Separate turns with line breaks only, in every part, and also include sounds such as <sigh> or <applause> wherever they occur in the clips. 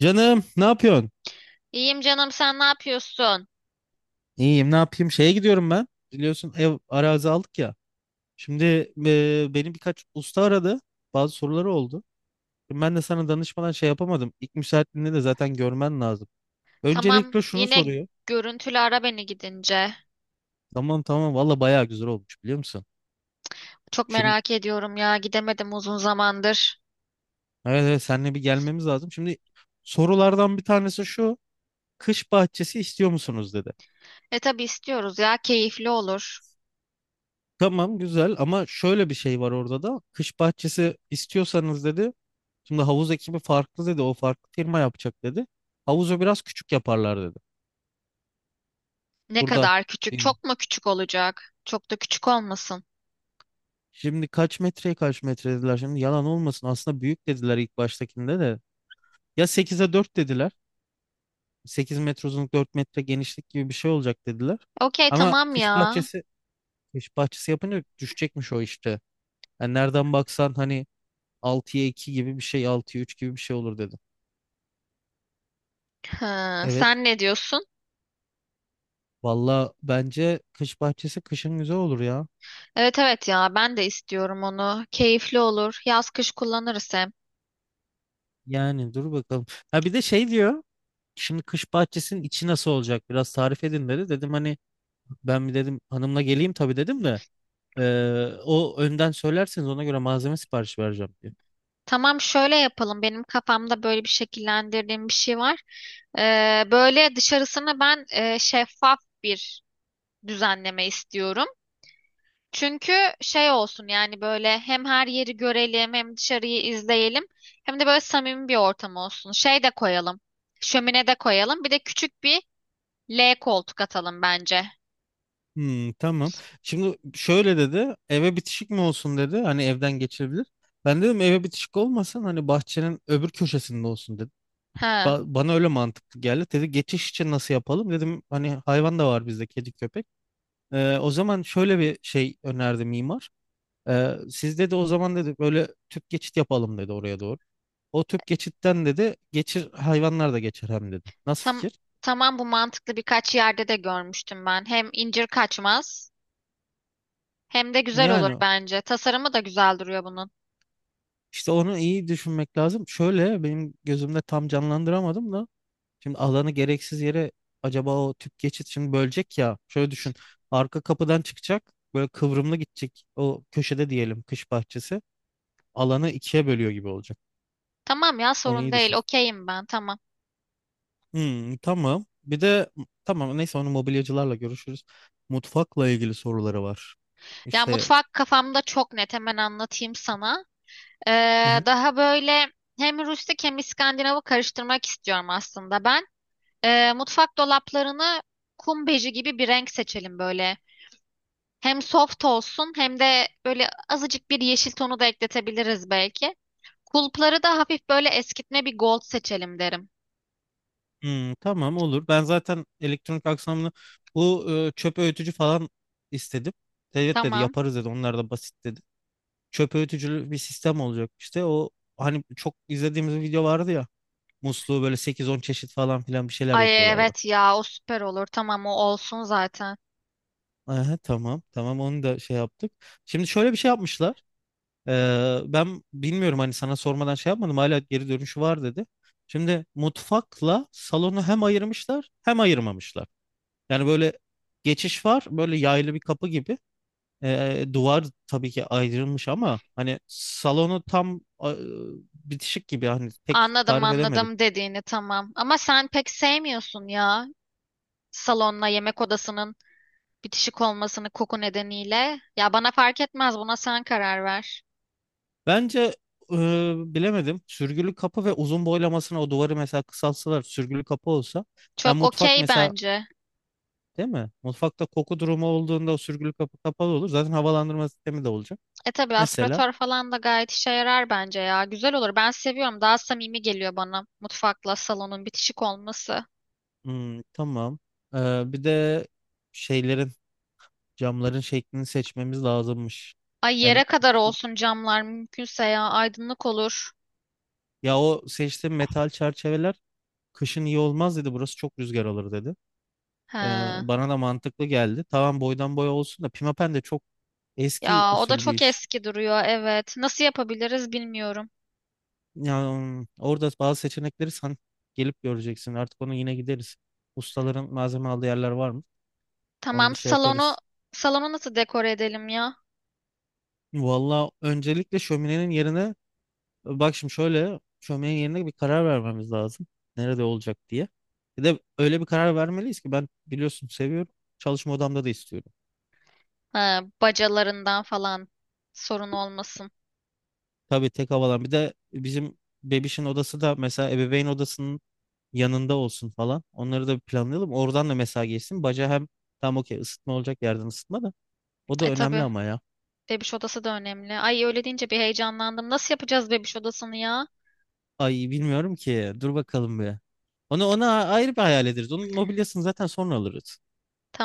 Canım ne yapıyorsun?
İyiyim canım, sen ne yapıyorsun?
İyiyim ne yapayım? Şeye gidiyorum ben. Biliyorsun ev arazi aldık ya. Şimdi benim birkaç usta aradı. Bazı soruları oldu. Şimdi ben de sana danışmadan şey yapamadım. İlk müsaitliğinde de zaten görmen lazım.
Tamam,
Öncelikle şunu
yine
soruyor.
görüntülü ara beni gidince.
Tamam, tamam, valla bayağı güzel olmuş biliyor musun?
Çok
Şimdi
merak ediyorum ya, gidemedim uzun zamandır.
evet, evet, seninle bir gelmemiz lazım. Şimdi sorulardan bir tanesi şu. Kış bahçesi istiyor musunuz dedi.
E tabii istiyoruz ya, keyifli olur.
Tamam güzel ama şöyle bir şey var orada da. Kış bahçesi istiyorsanız dedi. Şimdi havuz ekibi farklı dedi. O farklı firma yapacak dedi. Havuzu biraz küçük yaparlar dedi.
Ne
Burada
kadar küçük,
yani
çok mu küçük olacak? Çok da küçük olmasın.
şimdi kaç metreye kaç metre dediler. Şimdi yalan olmasın. Aslında büyük dediler ilk baştakinde de. Ya 8'e 4 dediler. 8 metre uzunluk 4 metre genişlik gibi bir şey olacak dediler.
Okey,
Ama
tamam ya.
kış bahçesi, kış bahçesi yapınca düşecekmiş o işte. Yani nereden baksan hani 6'ya 2 gibi bir şey, 6'ya 3 gibi bir şey olur dedi.
Hı,
Evet.
sen ne diyorsun?
Valla bence kış bahçesi kışın güzel olur ya.
Evet evet ya, ben de istiyorum onu. Keyifli olur. Yaz kış kullanırız hem.
Yani dur bakalım. Ha bir de şey diyor. Şimdi kış bahçesinin içi nasıl olacak? Biraz tarif edin dedi. Dedim hani ben bir dedim hanımla geleyim tabii dedim de o önden söylerseniz ona göre malzeme siparişi vereceğim diyor.
Tamam, şöyle yapalım. Benim kafamda böyle bir şekillendirdiğim bir şey var. Böyle dışarısını ben şeffaf bir düzenleme istiyorum. Çünkü şey olsun yani, böyle hem her yeri görelim, hem dışarıyı izleyelim, hem de böyle samimi bir ortam olsun. Şey de koyalım. Şömine de koyalım. Bir de küçük bir L koltuk atalım bence.
Hmm, tamam. Şimdi şöyle dedi. Eve bitişik mi olsun dedi. Hani evden geçebilir. Ben dedim eve bitişik olmasın. Hani bahçenin öbür köşesinde olsun dedi.
Ha,
Bana öyle mantıklı geldi. Dedi geçiş için nasıl yapalım? Dedim hani hayvan da var bizde, kedi köpek. O zaman şöyle bir şey önerdi mimar. Siz dedi o zaman dedi böyle tüp geçit yapalım dedi oraya doğru. O tüp geçitten dedi geçir, hayvanlar da geçer hem dedi. Nasıl
tam,
fikir?
tamam, bu mantıklı, birkaç yerde de görmüştüm ben. Hem incir kaçmaz. Hem de güzel olur
Yani
bence. Tasarımı da güzel duruyor bunun.
işte onu iyi düşünmek lazım. Şöyle benim gözümde tam canlandıramadım da şimdi alanı gereksiz yere acaba o tüp geçit şimdi bölecek ya. Şöyle düşün. Arka kapıdan çıkacak böyle kıvrımlı gidecek, o köşede diyelim kış bahçesi alanı ikiye bölüyor gibi olacak.
Tamam ya,
Onu
sorun
iyi
değil.
düşün.
Okeyim ben, tamam.
Hmm, tamam. Bir de tamam neyse onu mobilyacılarla görüşürüz. Mutfakla ilgili soruları var.
Ya
İşte
mutfak kafamda çok net, hemen anlatayım sana.
hı hı.
Daha böyle hem rustik hem İskandinav'ı karıştırmak istiyorum aslında ben. Mutfak dolaplarını kum beji gibi bir renk seçelim böyle. Hem soft olsun, hem de böyle azıcık bir yeşil tonu da ekletebiliriz belki. Kulpları da hafif böyle eskitme bir gold seçelim derim.
Hmm, tamam olur. Ben zaten elektronik aksamını bu çöp öğütücü falan istedim. Evet dedi,
Tamam.
yaparız dedi, onlar da basit dedi. Çöp öğütücülü bir sistem olacak işte. O hani çok izlediğimiz bir video vardı ya. Musluğu böyle sekiz on çeşit falan filan bir şeyler
Ay
yapıyorlardı.
evet ya, o süper olur. Tamam, o olsun zaten.
Aha, tamam, tamam onu da şey yaptık. Şimdi şöyle bir şey yapmışlar. Ben bilmiyorum hani sana sormadan şey yapmadım. Hala geri dönüşü var dedi. Şimdi mutfakla salonu hem ayırmışlar hem ayırmamışlar. Yani böyle geçiş var, böyle yaylı bir kapı gibi. E, duvar tabii ki ayrılmış ama hani salonu tam bitişik gibi, hani pek
Anladım
tarif edemedim.
anladım dediğini, tamam. Ama sen pek sevmiyorsun ya, salonla yemek odasının bitişik olmasını, koku nedeniyle. Ya bana fark etmez, buna sen karar ver.
Bence e, bilemedim. Sürgülü kapı ve uzun boylamasına o duvarı mesela kısaltsalar sürgülü kapı olsa hem
Çok
mutfak
okey
mesela,
bence.
değil mi? Mutfakta koku durumu olduğunda o sürgülü kapı kapalı olur. Zaten havalandırma sistemi de olacak.
E tabii,
Mesela
aspiratör falan da gayet işe yarar bence ya. Güzel olur. Ben seviyorum. Daha samimi geliyor bana mutfakla salonun bitişik olması.
hmm, tamam. Bir de şeylerin, camların şeklini seçmemiz lazımmış.
Ay,
Yani
yere kadar olsun camlar mümkünse ya, aydınlık olur.
ya o seçtiğim metal çerçeveler kışın iyi olmaz dedi. Burası çok rüzgar alır dedi.
He.
Bana da mantıklı geldi. Tamam boydan boya olsun da pimapen de çok eski
Ya o da
usul bir
çok
iş.
eski duruyor, evet. Nasıl yapabiliriz bilmiyorum.
Yani orada bazı seçenekleri sen gelip göreceksin. Artık onu yine gideriz. Ustaların malzeme aldığı yerler var mı? Onu
Tamam,
bir şey
salonu
yaparız.
salonu nasıl dekore edelim ya?
Valla öncelikle şöminenin yerine, bak şimdi şöyle şöminenin yerine bir karar vermemiz lazım. Nerede olacak diye. Bir de öyle bir karar vermeliyiz ki ben biliyorsun seviyorum. Çalışma odamda da istiyorum.
Ha, bacalarından falan sorun olmasın.
Tabii tek havalan. Bir de bizim bebişin odası da mesela ebeveyn odasının yanında olsun falan. Onları da bir planlayalım. Oradan da mesela geçsin. Baca hem tam okey, ısıtma olacak, yerden ısıtma da. O da
E
önemli
tabii,
ama ya.
bebiş odası da önemli. Ay, öyle deyince bir heyecanlandım. Nasıl yapacağız bebiş odasını ya?
Ay bilmiyorum ki. Dur bakalım bir. Onu ona ayrı bir hayal ederiz. Onun mobilyasını zaten sonra alırız.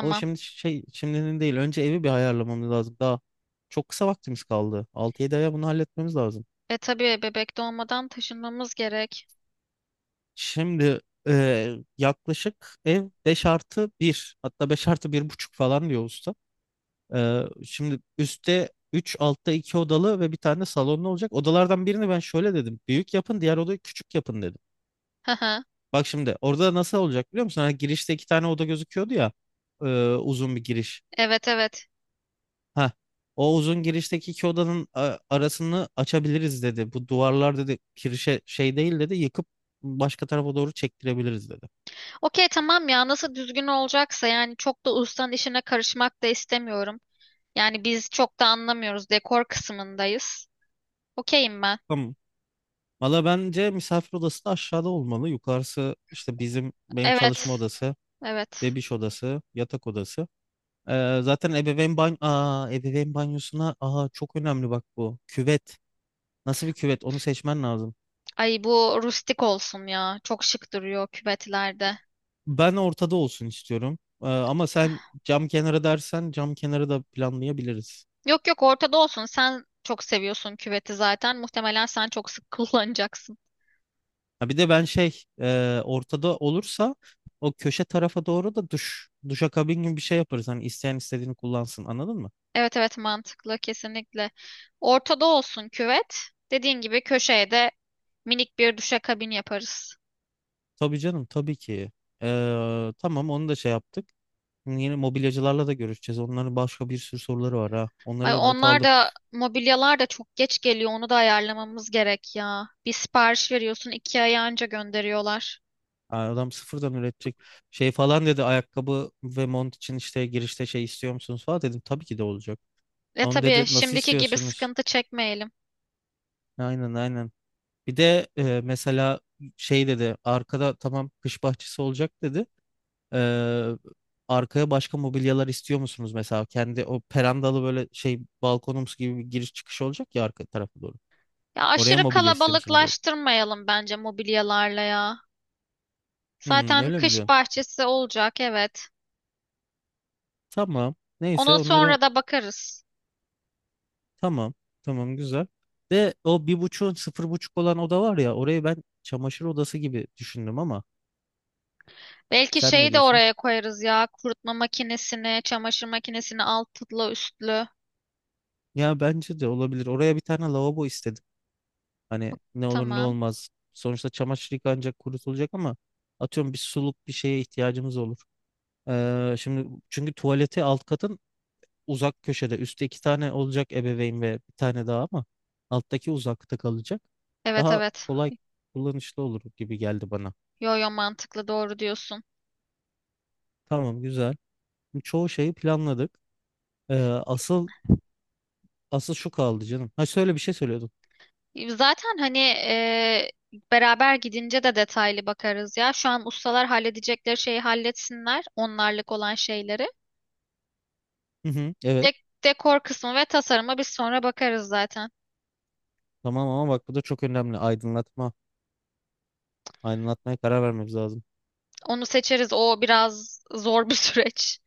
O şimdi şey, şimdinin değil. Önce evi bir ayarlamamız lazım. Daha çok kısa vaktimiz kaldı. 6 7 aya bunu halletmemiz lazım.
E tabii, bebek doğmadan taşınmamız gerek.
Şimdi e, yaklaşık ev 5 artı bir hatta 5 artı bir buçuk falan diyor usta. Şimdi üstte 3, altta 2 odalı ve bir tane salonlu olacak. Odalardan birini ben şöyle dedim. Büyük yapın, diğer odayı küçük yapın dedim.
Hı hı.
Bak şimdi orada nasıl olacak biliyor musun? Hani girişte iki tane oda gözüküyordu ya. e, Uzun bir giriş.
Evet evet.
Ha, o uzun girişteki iki odanın arasını açabiliriz dedi. Bu duvarlar dedi kirişe şey değil dedi. Yıkıp başka tarafa doğru çektirebiliriz dedi.
Okey tamam ya, nasıl düzgün olacaksa, yani çok da ustanın işine karışmak da istemiyorum. Yani biz çok da anlamıyoruz, dekor kısmındayız. Okeyim ben.
Tamam. Valla bence misafir odası da aşağıda olmalı. Yukarısı işte bizim, benim
Evet,
çalışma odası,
evet.
bebiş odası, yatak odası. Zaten ebeveyn banyo, ebeveyn banyosuna, çok önemli bak bu. Küvet. Nasıl bir küvet? Onu seçmen lazım.
Ay, bu rustik olsun ya. Çok şık duruyor küvetlerde.
Ben ortada olsun istiyorum. Ama sen cam kenarı dersen cam kenarı da planlayabiliriz.
Yok yok, ortada olsun. Sen çok seviyorsun küveti zaten. Muhtemelen sen çok sık <laughs> kullanacaksın.
Ha, bir de ben şey, ortada olursa o köşe tarafa doğru da duş, duşakabin gibi bir şey yaparız. Hani isteyen istediğini kullansın. Anladın mı?
Evet evet, mantıklı kesinlikle. Ortada olsun küvet. Dediğin gibi köşeye de minik bir duşakabin yaparız.
Tabii canım, tabii ki. Tamam onu da şey yaptık. Yeni mobilyacılarla da görüşeceğiz. Onların başka bir sürü soruları var ha. Onları
Ay,
da not
onlar
aldım.
da mobilyalar da çok geç geliyor. Onu da ayarlamamız gerek ya. Bir sipariş veriyorsun, iki ay anca gönderiyorlar.
Aa, adam sıfırdan üretecek şey falan dedi, ayakkabı ve mont için işte girişte şey istiyor musunuz falan, dedim tabii ki de olacak.
Ve
Onu
tabii,
dedi nasıl
şimdiki gibi
istiyorsunuz?
sıkıntı çekmeyelim.
Aynen, aynen. Bir de mesela şey dedi arkada, tamam kış bahçesi olacak dedi. Ee, Arkaya başka mobilyalar istiyor musunuz, mesela kendi o perandalı böyle şey balkonumuz gibi bir giriş çıkış olacak ya arka tarafa doğru.
Ya
Oraya
aşırı
mobilya istiyor musunuz dedi.
kalabalıklaştırmayalım bence mobilyalarla ya.
Hmm,
Zaten
öyle mi
kış
diyorsun?
bahçesi olacak, evet.
Tamam. Neyse
Ona
onları
sonra da bakarız.
tamam. Tamam güzel. De o bir buçuğun sıfır buçuk olan oda var ya, orayı ben çamaşır odası gibi düşündüm ama
Belki
sen ne
şeyi de
diyorsun?
oraya koyarız ya. Kurutma makinesini, çamaşır makinesini altlı üstlü.
Ya bence de olabilir. Oraya bir tane lavabo istedim. Hani ne olur ne
Tamam.
olmaz. Sonuçta çamaşır yıkanacak, kurutulacak ama atıyorum bir suluk bir şeye ihtiyacımız olur. Şimdi çünkü tuvaleti alt katın uzak köşede. Üstte iki tane olacak, ebeveyn ve bir tane daha ama alttaki uzakta kalacak.
Evet
Daha
evet.
kolay, kullanışlı olur gibi geldi bana.
Yo yo, mantıklı, doğru diyorsun.
Tamam güzel. Çoğu şeyi planladık. Ee, asıl asıl şu kaldı canım. Ha şöyle bir şey söylüyordum.
Zaten hani beraber gidince de detaylı bakarız ya. Şu an ustalar halledecekleri şeyi halletsinler. Onlarlık olan şeyleri.
Hı hı, evet.
Dekor kısmı ve tasarıma biz sonra bakarız zaten.
Tamam ama bak bu da çok önemli. Aydınlatma. Aydınlatmaya karar vermemiz lazım.
Onu seçeriz. O biraz zor bir <laughs> süreç.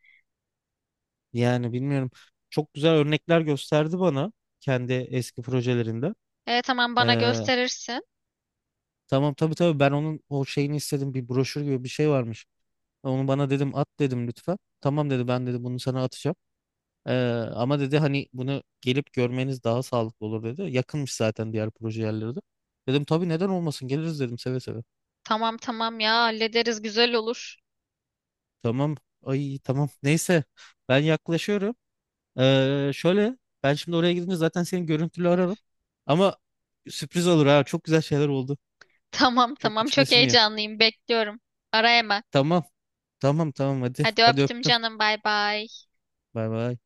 Yani bilmiyorum. Çok güzel örnekler gösterdi bana kendi eski projelerinde.
E tamam, bana
Ee,
gösterirsin.
tamam, tabii, tabii ben onun o şeyini istedim. Bir broşür gibi bir şey varmış. Onu bana dedim at dedim lütfen. Tamam dedi, ben dedi bunu sana atacağım. Ee, Ama dedi hani bunu gelip görmeniz daha sağlıklı olur dedi. Yakınmış zaten diğer proje yerleri de. Dedim tabii neden olmasın, geliriz dedim seve seve.
Tamam tamam ya, hallederiz, güzel olur.
Tamam, ay tamam neyse ben yaklaşıyorum. Şöyle ben şimdi oraya gidince zaten seni görüntülü ararım. Ama sürpriz olur ha, çok güzel şeyler oldu.
Tamam
Çok
tamam, çok
içmesini ya.
heyecanlıyım, bekliyorum. Ara hemen.
Tamam, tamam, tamam, hadi
Hadi
hadi
öptüm
öptüm.
canım, bay bay.
Bay bay.